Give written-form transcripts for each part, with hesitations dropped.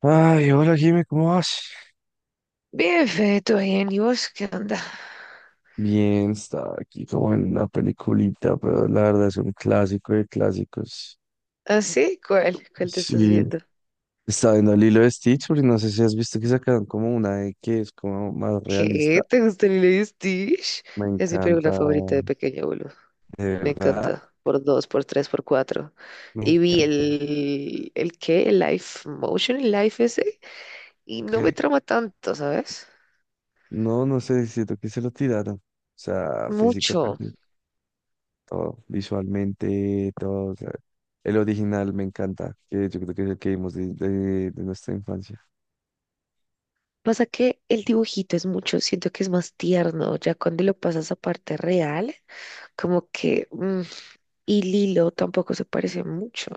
Ay, hola Jimmy, ¿cómo vas? Bien, Fede, todo bien. ¿Y vos qué onda? Bien, estaba aquí como en una peliculita, pero la verdad es un clásico de clásicos. ¿Ah, sí? ¿Cuál? ¿Cuál te estás Sí, viendo? estaba viendo Lilo de Stitch, porque no sé si has visto que sacaron como una de que es como más ¿Qué? realista. ¿Te gusta Lilo y Stitch? Me Es mi encanta, película favorita de pequeño, boludo. de Me verdad, encanta. Por dos, por tres, por cuatro. me Y vi encanta. el... ¿El qué? El live motion, el live ese. Y no me ¿Qué? trama tanto, ¿sabes? No, no sé, siento que se lo tiraron. O sea, Mucho. físicamente, todo, visualmente, todo, o sea, el original me encanta, que yo creo que es el que vimos de nuestra infancia. Pasa que el dibujito es mucho. Siento que es más tierno. Ya cuando lo pasas a parte real, como que... y Lilo tampoco se parece mucho.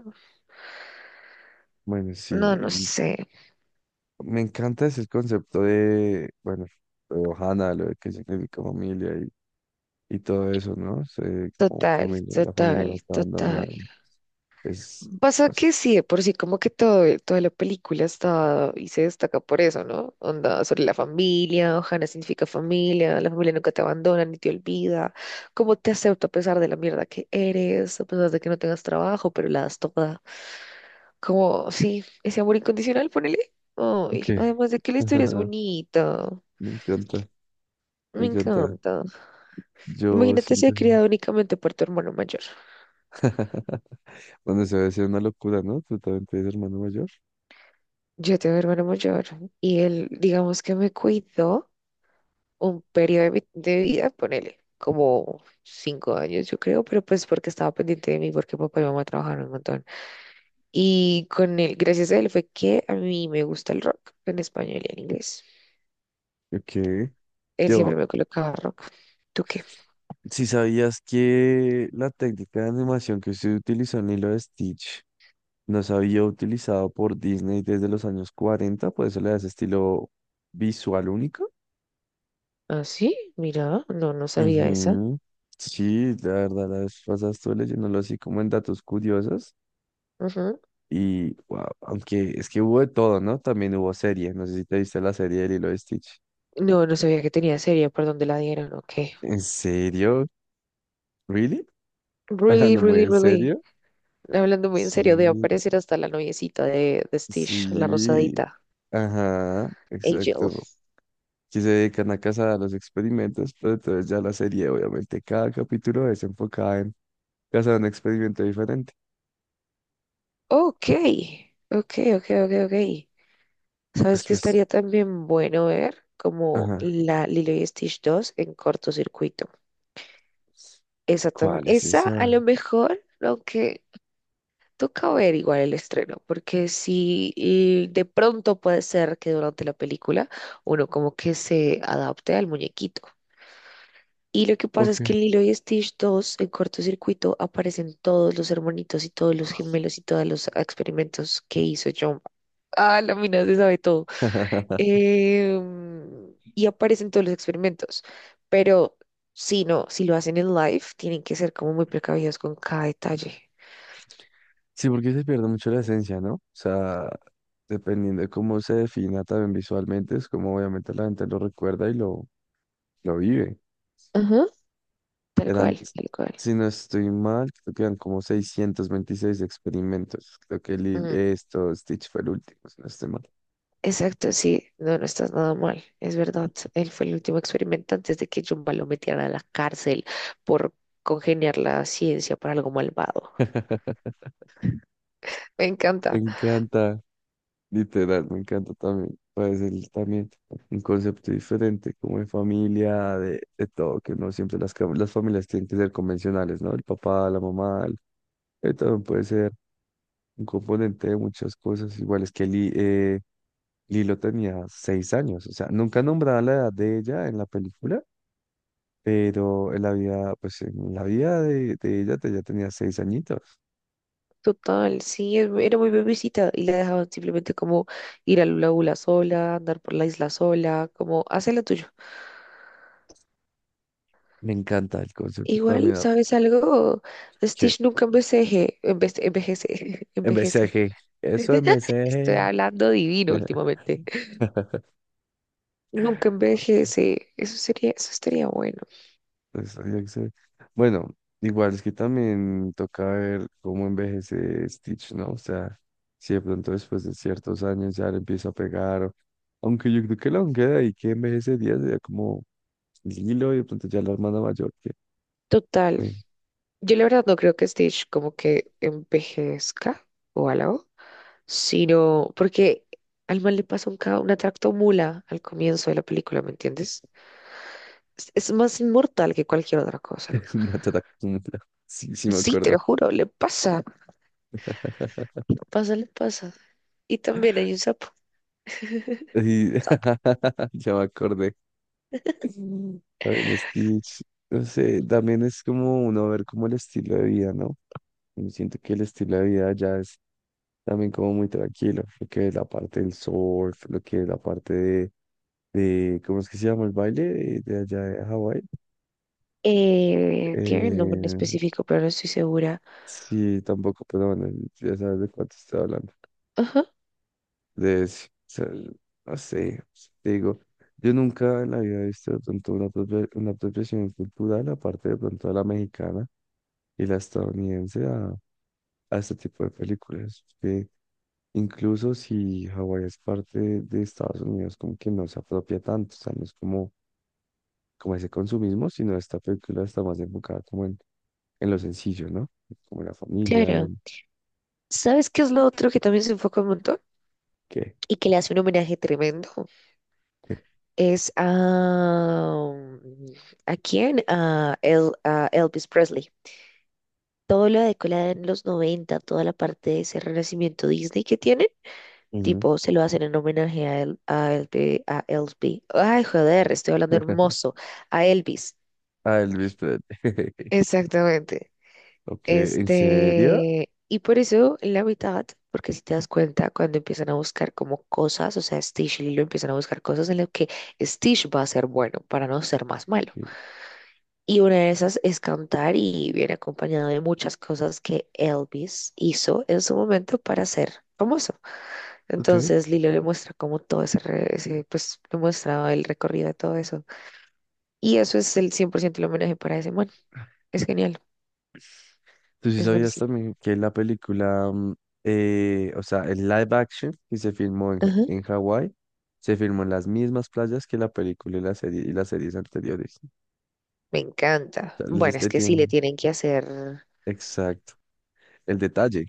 Bueno, No, no sí, sé. me encanta ese concepto de, bueno, lo de Ohana, lo de que significa familia y todo eso, ¿no? Sé, como Total, familia, la familia no total, te total. abandona. Es, Pasa es- que sí, de por sí, como que todo, toda la película está y se destaca por eso, ¿no? Onda sobre la familia, Ohana significa familia, la familia nunca te abandona ni te olvida, cómo te acepta a pesar de la mierda que eres, a pesar de que no tengas trabajo, pero la das toda. Como, sí, ese amor incondicional, ponele. Ay, ¿Qué? además de que la historia es bonita, Me encanta, me me encanta. encanta. Yo Imagínate si ha siento, criado únicamente por tu hermano mayor. bueno, se va a decir una locura, ¿no? Tú también tienes hermano mayor. Yo tengo un hermano mayor y él, digamos que me cuidó un periodo de, de vida, ponele, como 5 años, yo creo, pero pues porque estaba pendiente de mí, porque papá y mamá trabajaron un montón. Y con él, gracias a él, fue que a mí me gusta el rock en español y en inglés. Ok. Él siempre Yo, me colocaba rock. ¿Tú qué? si sabías que la técnica de animación que se utilizó en Lilo de Stitch no se había utilizado por Disney desde los años 40, por eso le da ese estilo visual único. Ah, sí, mira, no, no sabía esa. Ujú. Sí, la verdad, la vez pasada estuve leyéndolo así como en datos curiosos. Ujú. Y wow, aunque es que hubo de todo, ¿no? También hubo serie. No sé si te viste la serie de Lilo y Stitch. No, no sabía que tenía serie, por donde la dieron, ok. ¿En serio? ¿Really? Really, ¿Hablando muy really, en really. serio? Hablando muy en Sí, serio, debe aparecer hasta la noviecita de Stitch, la sí. rosadita, Ajá, Angel. exacto, que se dedican a cazar a los experimentos, pero entonces ya la serie, obviamente, cada capítulo es enfocada en cazar un experimento diferente. Ok, ok, ok, ok, ok. ¿Sabes qué Después, estaría también bueno ver? Como ajá, la Lilo y Stitch dos en cortocircuito. Esa, ¿cuál es esa a esa? lo mejor, aunque toca ver igual el estreno, porque si y de pronto puede ser que durante la película uno como que se adapte al muñequito. Y lo que pasa es Ok. que en Lilo y Stitch dos, en cortocircuito, aparecen todos los hermanitos y todos los gemelos y todos los experimentos que hizo John. Ah, la mina se sabe todo. Y aparecen todos los experimentos. Pero si no, si lo hacen en live, tienen que ser como muy precavidos con cada detalle. Sí, porque se pierde mucho la esencia, ¿no? O sea, dependiendo de cómo se defina también visualmente, es como obviamente la gente lo recuerda y lo vive. Ajá. Tal Eran, cual, s- tal cual. si no estoy mal, creo que eran como 626 experimentos. Creo que Stitch fue el último, si no estoy mal. Exacto, sí, no, no estás nada mal, es verdad. Él fue el último experimento antes de que Jumba lo metiera a la cárcel por congeniar la ciencia para algo malvado. Me Me encanta. encanta. Literal, me encanta también. También un concepto diferente, como de familia, de todo, que no siempre las familias tienen que ser convencionales, ¿no? El papá, la mamá, también puede ser un componente de muchas cosas. Igual es que Li- Lilo tenía 6 años, o sea, nunca nombraba la edad de ella en la película, pero en la vida, pues en la vida de ya tenía 6 añitos. Total, sí, era muy bebecita y la dejaban simplemente como ir a Lula Bula sola, andar por la isla sola, como hace lo tuyo. Me encanta el concepto Igual, también, ¿sabes algo? que Stitch nunca envejece, envejece, envejece. envejece, eso Estoy envejece. hablando divino últimamente. Nunca envejece. Eso sería, eso estaría bueno. Pues, había que ser- Bueno, igual es que también toca ver cómo envejece Stitch, ¿no? O sea, si de pronto después de ciertos años ya le empieza a pegar, o aunque yo creo que la queda y que envejece días sería como Lilo y de pronto ya la hermana mayor que Total, me yo la verdad no creo que Stitch como que envejezca o algo, sino porque al mal le pasa un, una tractomula al comienzo de la película, ¿me entiendes? Es más inmortal que cualquier otra cosa. una tata. Sí, sí me Sí, te acuerdo. lo juro, le pasa, le pasa. Y también hay un sapo. Y Sapo. ya me acordé. También Stitch, no sé, también es como uno ver como el estilo de vida, ¿no? Y siento que el estilo de vida ya es también como muy tranquilo, lo que es la parte del surf, lo que es la parte de, ¿de cómo es que se llama el baile de allá de Hawái? Tiene un nombre en Eh, específico, pero no estoy segura. sí, tampoco, pero bueno, ya sabes de cuánto estoy hablando, Ajá, de ese, o sea, no sé, te digo, yo nunca en la vida he visto de pronto una, una apropiación cultural, aparte de pronto de la mexicana y la estadounidense, a este tipo de películas, que incluso si Hawái es parte de Estados Unidos, como que no se apropia tanto, o sea, no es como, como ese consumismo, sino esta película está más enfocada como en lo sencillo, ¿no? Como la familia, claro. el ¿Sabes qué es lo otro que también se enfoca un montón? qué. Y que le hace un homenaje tremendo. Es a... ¿A quién? A, a Elvis Presley. Todo lo decolan los 90 toda la parte de ese renacimiento Disney que tienen, Ujú. tipo, se lo hacen en homenaje a, El, a, a Elvis. Ay, joder, estoy hablando hermoso. A Elvis. Ah, el Luis Pérez. Exactamente. Ok, ¿en serio? Este, y por eso en la mitad, porque si te das cuenta, cuando empiezan a buscar como cosas, o sea, Stitch y Lilo empiezan a buscar cosas en las que Stitch va a ser bueno para no ser más malo. Ok, Y una de esas es cantar y viene acompañado de muchas cosas que Elvis hizo en su momento para ser famoso. ok. Entonces Lilo le muestra como todo ese, ese, pues le muestra el recorrido de todo eso. Y eso es el 100% el homenaje para ese man. Es genial, ¿Tú sí es sabías buenísimo. también que la película, o sea, el live action que se filmó en, Ajá. en Hawái, se filmó en las mismas playas que la película y la serie y las series anteriores? Me encanta. O sea, Bueno, es este que sí le tiene tienen que hacer, exacto. El detalle.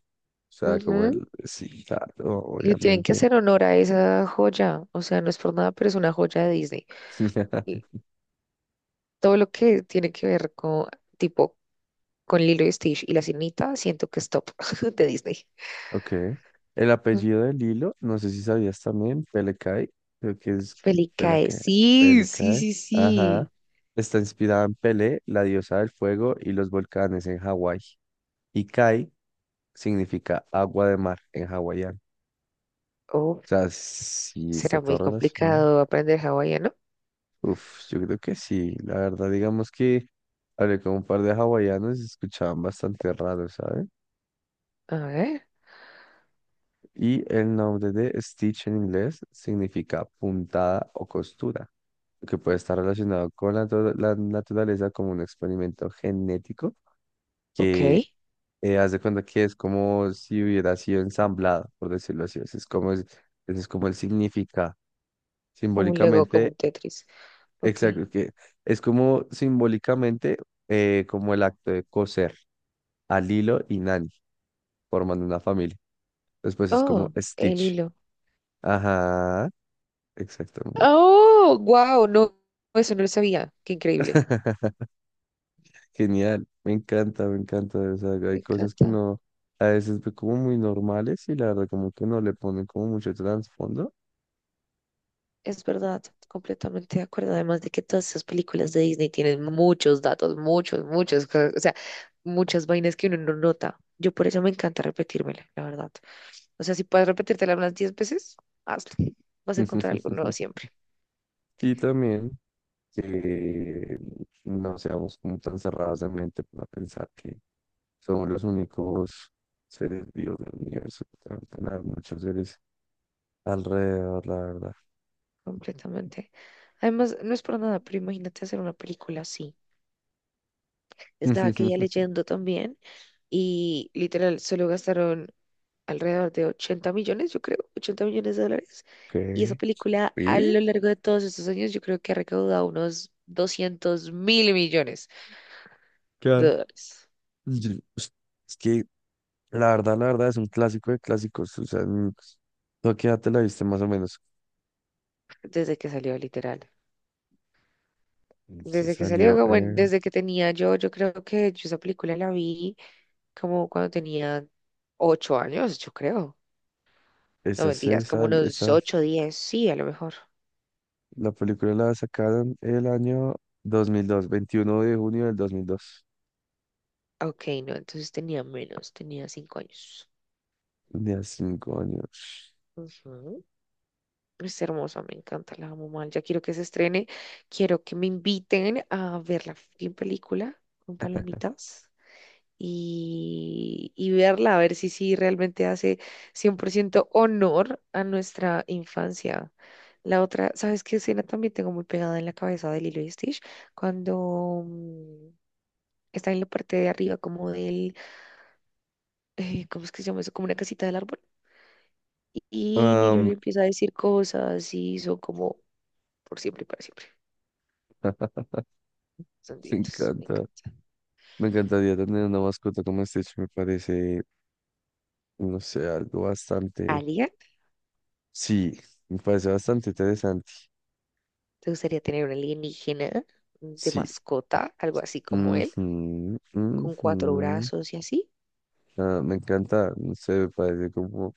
O sea, como ujú, el... Sí, claro, le tienen que obviamente. hacer honor a esa joya. O sea, no es por nada, pero es una joya de Disney. Y todo lo que tiene que ver con tipo con Lilo y Stitch y la sirenita, siento que es top de Disney. Ok. El Mm. apellido de Lilo, no sé si sabías también, Pelecae, creo que Felicae, Pelecae, sí, sí, Pelecae, sí, ajá. sí. Está inspirada en Pele, la diosa del fuego y los volcanes en Hawái. Y Kai significa agua de mar en hawaiano. Oh, O sea, sí, está será todo muy relacionado. complicado aprender hawaiano. Uf, yo creo que sí. La verdad, digamos que hablé con un par de hawaianos y se escuchaban bastante raro, ¿sabes? A ver, Y el nombre de Stitch en inglés significa puntada o costura, que puede estar relacionado con la, la naturaleza como un experimento genético ok. que haz de cuenta que es como si hubiera sido ensamblado, por decirlo así. Ese es como, es, ese es como el significado. Como un Lego, como Simbólicamente, un Tetris. Ok. exacto, que es como simbólicamente como el acto de coser a Lilo y Nani formando una familia. Después es como Oh, el Stitch. hilo. Ajá, exactamente. Oh, wow, no, eso no lo sabía. Qué increíble. Genial, me encanta, me encanta. O sea, Me hay cosas que encanta. uno a veces ve como muy normales y la verdad como que no le ponen como mucho trasfondo. Es verdad, completamente de acuerdo. Además de que todas esas películas de Disney tienen muchos datos, muchos, muchos, o sea, muchas vainas que uno no nota. Yo por eso me encanta repetírmela, la verdad. O sea, si puedes repetírtela unas 10 veces, hazlo. Vas a encontrar algo nuevo siempre. Y también que no seamos como tan cerrados de mente para pensar que somos los únicos seres vivos del universo, que deben tener muchos seres alrededor, la verdad. Completamente. Además, no es por nada, pero imagínate hacer una película así. Estaba aquella leyendo también y literal solo gastaron alrededor de 80 millones, yo creo, 80 millones de dólares. Y esa ¿Qué? película a lo ¿Vive? largo de todos estos años yo creo que ha recaudado unos doscientos mil millones de Claro. dólares Yo, pues, es que la verdad es un clásico de clásicos. O sea, tú qué edad te la viste más o menos. desde que salió literal. Se Desde que salió, salió como en... desde que tenía yo, yo creo que yo esa película la vi como cuando tenía 8 años, yo creo. No Esa se mentiras, como sal... unos Esa... 8 10 sí, a lo mejor. La película la sacaron el año 2002, 21 de junio de 2002. Ok, no, entonces tenía menos, tenía 5 años. De a 5 años. Ujú. Es hermosa, me encanta, la amo mal. Ya quiero que se estrene, quiero que me inviten a ver la fucking película con palomitas y verla, a ver si sí realmente hace 100% honor a nuestra infancia. La otra, ¿sabes qué escena también tengo muy pegada en la cabeza de Lilo y Stitch? Cuando está en la parte de arriba como del, ¿cómo es que se llama eso? Como una casita del árbol. Y Lilo Am, le empieza a decir cosas y son como por siempre y para siempre. Son me divinos, me encanta. encanta. Me encantaría tener una mascota como Stitch. Me parece, no sé, algo bastante. ¿Alien? Sí, me parece bastante interesante. ¿Te gustaría tener un alienígena de Sí. mascota, algo así como él, Ujú, con ujú. cuatro brazos y así? Ah, me encanta. No sé, me parece como.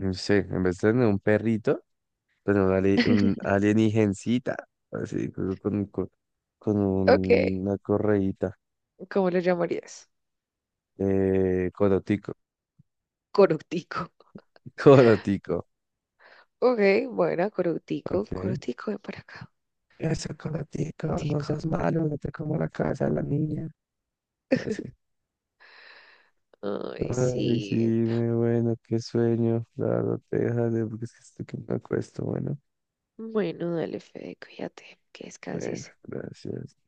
No sé, en vez de tener un perrito, pero un, un alienígencita. Así, con Ok, una correíta. ¿cómo lo llamarías? Corotico. Corutico. Corotico. Ok, bueno, Corutico. Ok. Corutico, ven para acá. Eso, Coratico, no Tico. seas malo, no te como la cabeza de la niña. Así. Ay, Ay, sí. Jime, bueno, qué sueño. La verdad, te dejaré porque es que estoy que me acuesto. Bueno, Bueno, dale, Fede, cuídate, que bueno, descanses. gracias.